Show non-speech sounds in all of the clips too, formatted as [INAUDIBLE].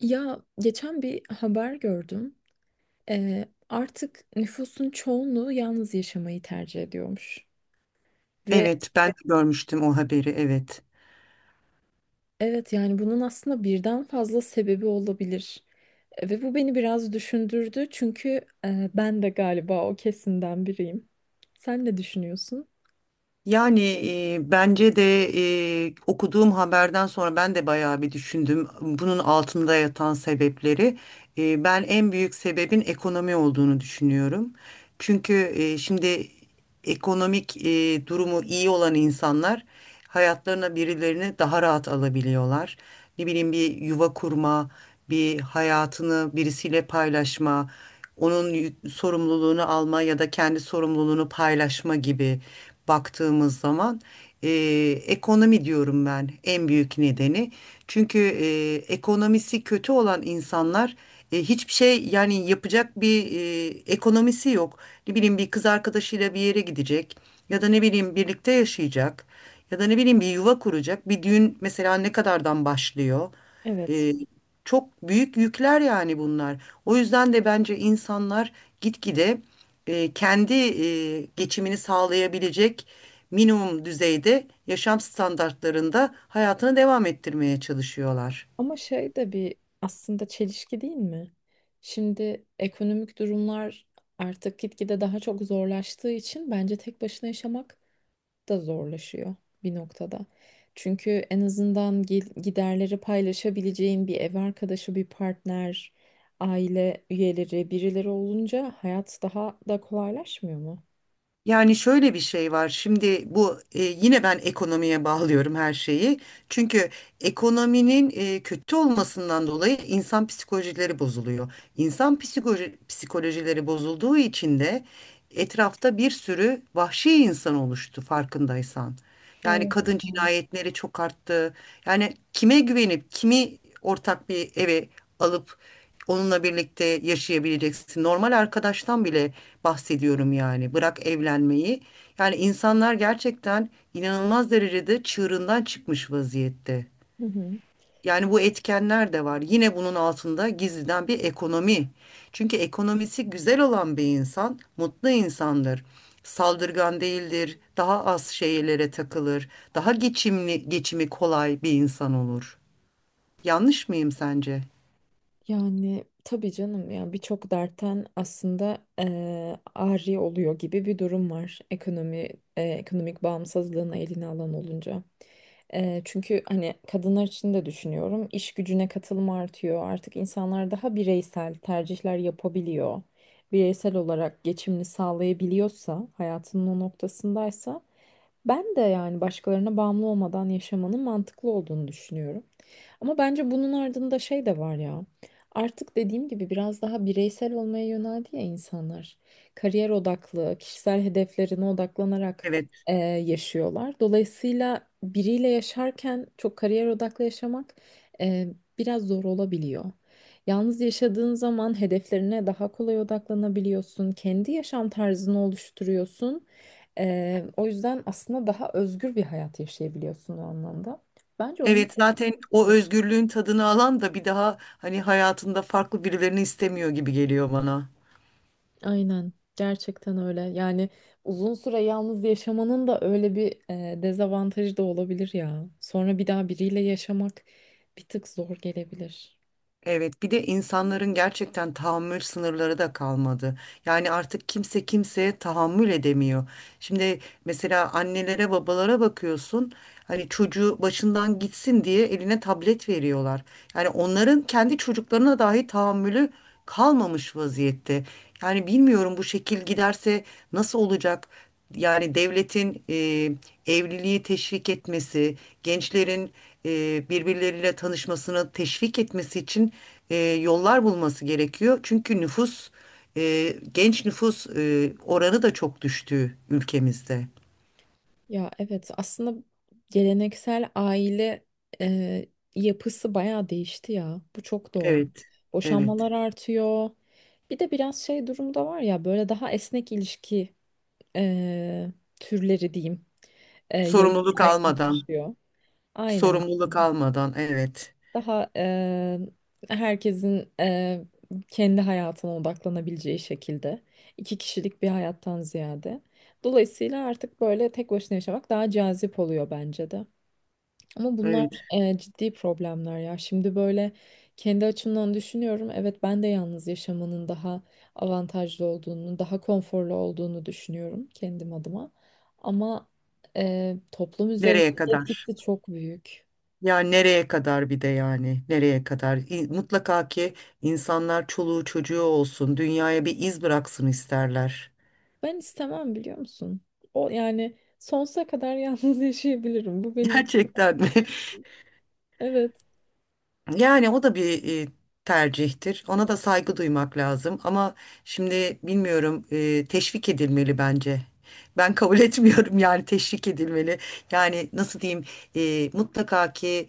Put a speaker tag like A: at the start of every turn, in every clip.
A: Ya geçen bir haber gördüm. Artık nüfusun çoğunluğu yalnız yaşamayı tercih ediyormuş. Ve
B: Evet, ben de görmüştüm o haberi. Evet.
A: evet, yani bunun aslında birden fazla sebebi olabilir. Ve bu beni biraz düşündürdü, çünkü ben de galiba o kesimden biriyim. Sen ne düşünüyorsun?
B: Yani bence de okuduğum haberden sonra ben de bayağı bir düşündüm bunun altında yatan sebepleri. Ben en büyük sebebin ekonomi olduğunu düşünüyorum. Çünkü şimdi ekonomik durumu iyi olan insanlar hayatlarına birilerini daha rahat alabiliyorlar. Ne bileyim bir yuva kurma, bir hayatını birisiyle paylaşma, onun sorumluluğunu alma ya da kendi sorumluluğunu paylaşma gibi baktığımız zaman. E, Ekonomi diyorum ben en büyük nedeni. Çünkü ekonomisi kötü olan insanlar hiçbir şey yani yapacak bir ekonomisi yok. Ne bileyim bir kız arkadaşıyla bir yere gidecek ya da ne bileyim birlikte yaşayacak ya da ne bileyim bir yuva kuracak. Bir düğün mesela ne kadardan başlıyor?
A: Evet.
B: E, Çok büyük yükler yani bunlar. O yüzden de bence insanlar gitgide kendi geçimini sağlayabilecek minimum düzeyde yaşam standartlarında hayatını devam ettirmeye çalışıyorlar.
A: Ama şey de bir aslında çelişki değil mi? Şimdi ekonomik durumlar artık gitgide daha çok zorlaştığı için bence tek başına yaşamak da zorlaşıyor bir noktada. Çünkü en azından giderleri paylaşabileceğin bir ev arkadaşı, bir partner, aile üyeleri, birileri olunca hayat daha da kolaylaşmıyor mu?
B: Yani şöyle bir şey var. Şimdi bu yine ben ekonomiye bağlıyorum her şeyi. Çünkü ekonominin kötü olmasından dolayı insan psikolojileri bozuluyor. İnsan psikolojileri bozulduğu için de etrafta bir sürü vahşi insan oluştu farkındaysan. Yani
A: Evet.
B: kadın cinayetleri çok arttı. Yani kime güvenip kimi ortak bir eve alıp onunla birlikte yaşayabileceksin? Normal arkadaştan bile bahsediyorum yani. Bırak evlenmeyi. Yani insanlar gerçekten inanılmaz derecede çığırından çıkmış vaziyette.
A: Hı hı.
B: Yani bu etkenler de var. Yine bunun altında gizliden bir ekonomi. Çünkü ekonomisi güzel olan bir insan mutlu insandır. Saldırgan değildir, daha az şeylere takılır, daha geçimli, geçimi kolay bir insan olur. Yanlış mıyım sence?
A: Yani tabii canım ya, birçok dertten aslında ari oluyor gibi bir durum var. Ekonomi, ekonomik bağımsızlığın eline alan olunca. Çünkü hani kadınlar için de düşünüyorum. İş gücüne katılım artıyor. Artık insanlar daha bireysel tercihler yapabiliyor. Bireysel olarak geçimini sağlayabiliyorsa, hayatının o noktasındaysa ben de yani başkalarına bağımlı olmadan yaşamanın mantıklı olduğunu düşünüyorum. Ama bence bunun ardında şey de var ya. Artık dediğim gibi biraz daha bireysel olmaya yöneldi ya insanlar. Kariyer odaklı, kişisel hedeflerine odaklanarak
B: Evet.
A: e, yaşıyorlar. Dolayısıyla biriyle yaşarken çok kariyer odaklı yaşamak e, biraz zor olabiliyor. Yalnız yaşadığın zaman hedeflerine daha kolay odaklanabiliyorsun, kendi yaşam tarzını oluşturuyorsun. O yüzden aslında daha özgür bir hayat yaşayabiliyorsun o anlamda. Bence onun
B: Evet, zaten o özgürlüğün tadını alan da bir daha hani hayatında farklı birilerini istemiyor gibi geliyor bana.
A: aynen. Gerçekten öyle. Yani uzun süre yalnız yaşamanın da öyle bir dezavantajı da olabilir ya. Sonra bir daha biriyle yaşamak bir tık zor gelebilir.
B: Evet, bir de insanların gerçekten tahammül sınırları da kalmadı. Yani artık kimse kimseye tahammül edemiyor. Şimdi mesela annelere, babalara bakıyorsun. Hani çocuğu başından gitsin diye eline tablet veriyorlar. Yani onların kendi çocuklarına dahi tahammülü kalmamış vaziyette. Yani bilmiyorum bu şekil giderse nasıl olacak? Yani devletin evliliği teşvik etmesi, gençlerin birbirleriyle tanışmasını teşvik etmesi için yollar bulması gerekiyor. Çünkü genç nüfus oranı da çok düştü ülkemizde.
A: Ya evet, aslında geleneksel aile e, yapısı bayağı değişti ya. Bu çok doğru.
B: Evet, evet.
A: Boşanmalar artıyor. Bir de biraz şey durumu da var ya, böyle daha esnek ilişki e, türleri diyeyim. E, yay-
B: Sorumluluk almadan,
A: Yaygınlaşıyor. Aynen.
B: sorumluluk almadan, evet,
A: Daha herkesin kendi hayatına odaklanabileceği şekilde iki kişilik bir hayattan ziyade. Dolayısıyla artık böyle tek başına yaşamak daha cazip oluyor bence de. Ama bunlar
B: evet.
A: ciddi problemler ya. Şimdi böyle kendi açımdan düşünüyorum. Evet, ben de yalnız yaşamanın daha avantajlı olduğunu, daha konforlu olduğunu düşünüyorum kendim adıma. Ama toplum
B: Nereye
A: üzerindeki
B: kadar?
A: etkisi çok büyük.
B: Ya nereye kadar bir de yani nereye kadar mutlaka ki insanlar çoluğu çocuğu olsun dünyaya bir iz bıraksın isterler.
A: Ben istemem, biliyor musun? O yani sonsuza kadar yalnız [LAUGHS] yaşayabilirim. Bu
B: [LAUGHS]
A: benim
B: Gerçekten mi?
A: evet.
B: Yani o da bir tercihtir. Ona da saygı duymak lazım ama şimdi bilmiyorum teşvik edilmeli bence. Ben kabul [LAUGHS] etmiyorum yani teşvik edilmeli. Yani nasıl diyeyim mutlaka ki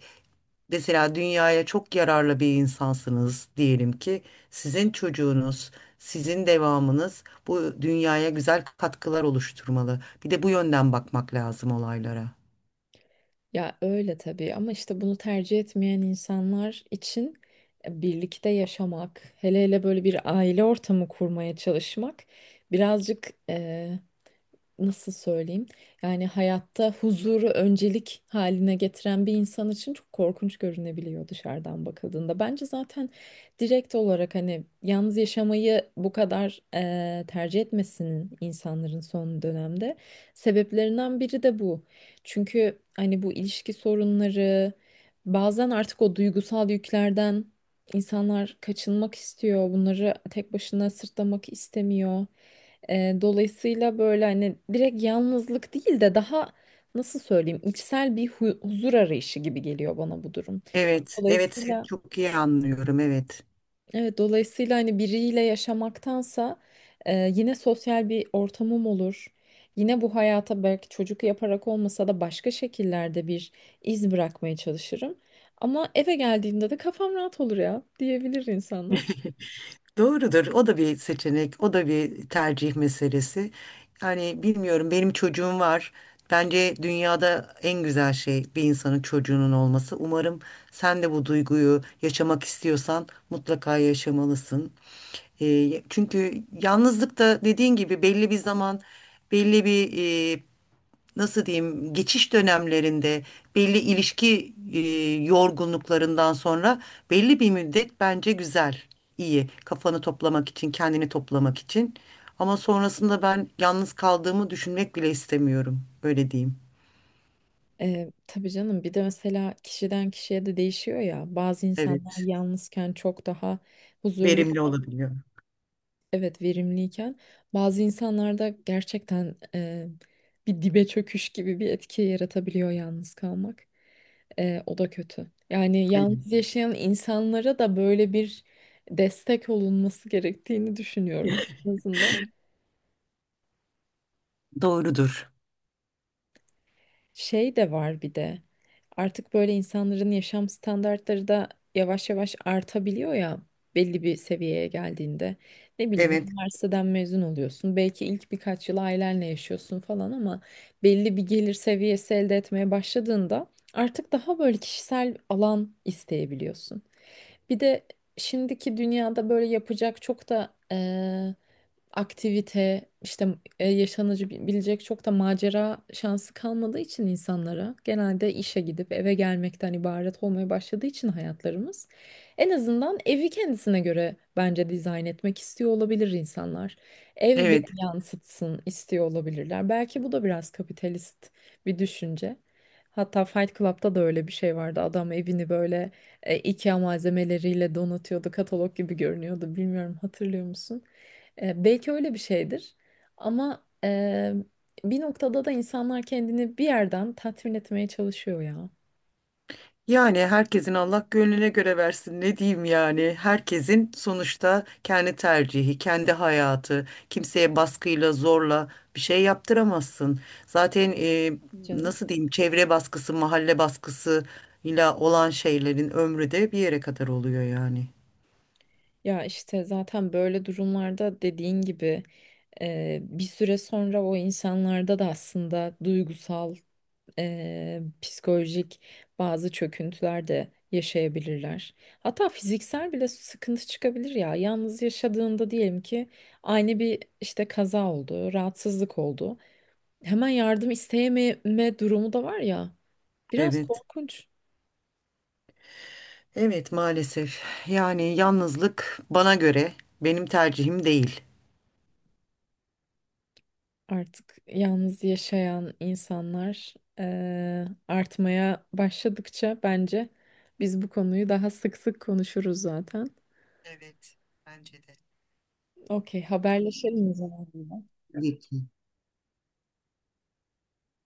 B: mesela dünyaya çok yararlı bir insansınız diyelim ki sizin çocuğunuz, sizin devamınız bu dünyaya güzel katkılar oluşturmalı. Bir de bu yönden bakmak lazım olaylara.
A: Ya öyle tabii, ama işte bunu tercih etmeyen insanlar için birlikte yaşamak, hele hele böyle bir aile ortamı kurmaya çalışmak birazcık nasıl söyleyeyim? Yani hayatta huzuru öncelik haline getiren bir insan için çok korkunç görünebiliyor dışarıdan bakıldığında. Bence zaten direkt olarak hani yalnız yaşamayı bu kadar tercih etmesinin insanların son dönemde sebeplerinden biri de bu. Çünkü hani bu ilişki sorunları bazen artık o duygusal yüklerden insanlar kaçınmak istiyor. Bunları tek başına sırtlamak istemiyor. Dolayısıyla böyle hani direkt yalnızlık değil de daha nasıl söyleyeyim, içsel bir huzur arayışı gibi geliyor bana bu durum.
B: Evet, evet, seni
A: Dolayısıyla
B: çok iyi anlıyorum. Evet.
A: evet, dolayısıyla hani biriyle yaşamaktansa yine sosyal bir ortamım olur. Yine bu hayata belki çocuk yaparak olmasa da başka şekillerde bir iz bırakmaya çalışırım. Ama eve geldiğimde de kafam rahat olur ya, diyebilir insanlar.
B: Doğrudur. O da bir seçenek, o da bir tercih meselesi. Yani bilmiyorum benim çocuğum var. Bence dünyada en güzel şey bir insanın çocuğunun olması. Umarım sen de bu duyguyu yaşamak istiyorsan mutlaka yaşamalısın. Çünkü yalnızlık da dediğin gibi belli bir zaman, belli bir e, nasıl diyeyim geçiş dönemlerinde belli ilişki yorgunluklarından sonra belli bir müddet bence güzel, iyi. Kafanı toplamak için, kendini toplamak için. Ama sonrasında ben yalnız kaldığımı düşünmek bile istemiyorum. Öyle diyeyim.
A: Tabii canım, bir de mesela kişiden kişiye de değişiyor ya, bazı insanlar
B: Evet.
A: yalnızken çok daha huzurlu,
B: Verimli olabiliyor.
A: evet, verimliyken bazı insanlarda gerçekten bir dibe çöküş gibi bir etki yaratabiliyor yalnız kalmak. O da kötü, yani
B: Evet.
A: yalnız yaşayan insanlara da böyle bir destek olunması gerektiğini düşünüyorum en
B: [LAUGHS]
A: azından.
B: Doğrudur.
A: Şey de var bir de. Artık böyle insanların yaşam standartları da yavaş yavaş artabiliyor ya belli bir seviyeye geldiğinde. Ne bileyim,
B: Evet.
A: üniversiteden mezun oluyorsun. Belki ilk birkaç yıl ailenle yaşıyorsun falan ama belli bir gelir seviyesi elde etmeye başladığında artık daha böyle kişisel alan isteyebiliyorsun. Bir de şimdiki dünyada böyle yapacak çok da aktivite, işte yaşanıcı bilecek çok da macera şansı kalmadığı için insanlara, genelde işe gidip eve gelmekten ibaret olmaya başladığı için hayatlarımız, en azından evi kendisine göre bence dizayn etmek istiyor olabilir insanlar. Ev beni
B: Evet.
A: yansıtsın istiyor olabilirler. Belki bu da biraz kapitalist bir düşünce. Hatta Fight Club'da da öyle bir şey vardı. Adam evini böyle IKEA malzemeleriyle donatıyordu. Katalog gibi görünüyordu. Bilmiyorum, hatırlıyor musun? Belki öyle bir şeydir. Ama bir noktada da insanlar kendini bir yerden tatmin etmeye çalışıyor ya.
B: Yani herkesin Allah gönlüne göre versin ne diyeyim, yani herkesin sonuçta kendi tercihi, kendi hayatı, kimseye baskıyla zorla bir şey yaptıramazsın zaten,
A: Canım.
B: nasıl diyeyim, çevre baskısı, mahalle baskısı ile olan şeylerin ömrü de bir yere kadar oluyor yani.
A: Ya işte zaten böyle durumlarda dediğin gibi, bir süre sonra o insanlarda da aslında duygusal, psikolojik bazı çöküntüler de yaşayabilirler. Hatta fiziksel bile sıkıntı çıkabilir ya. Yalnız yaşadığında diyelim ki aynı bir işte kaza oldu, rahatsızlık oldu. Hemen yardım isteyememe durumu da var ya. Biraz
B: Evet,
A: korkunç.
B: evet, maalesef yani yalnızlık bana göre benim tercihim değil.
A: Artık yalnız yaşayan insanlar artmaya başladıkça bence biz bu konuyu daha sık sık konuşuruz zaten.
B: Evet, bence de.
A: Okey, haberleşelim o zaman.
B: Tabii ki.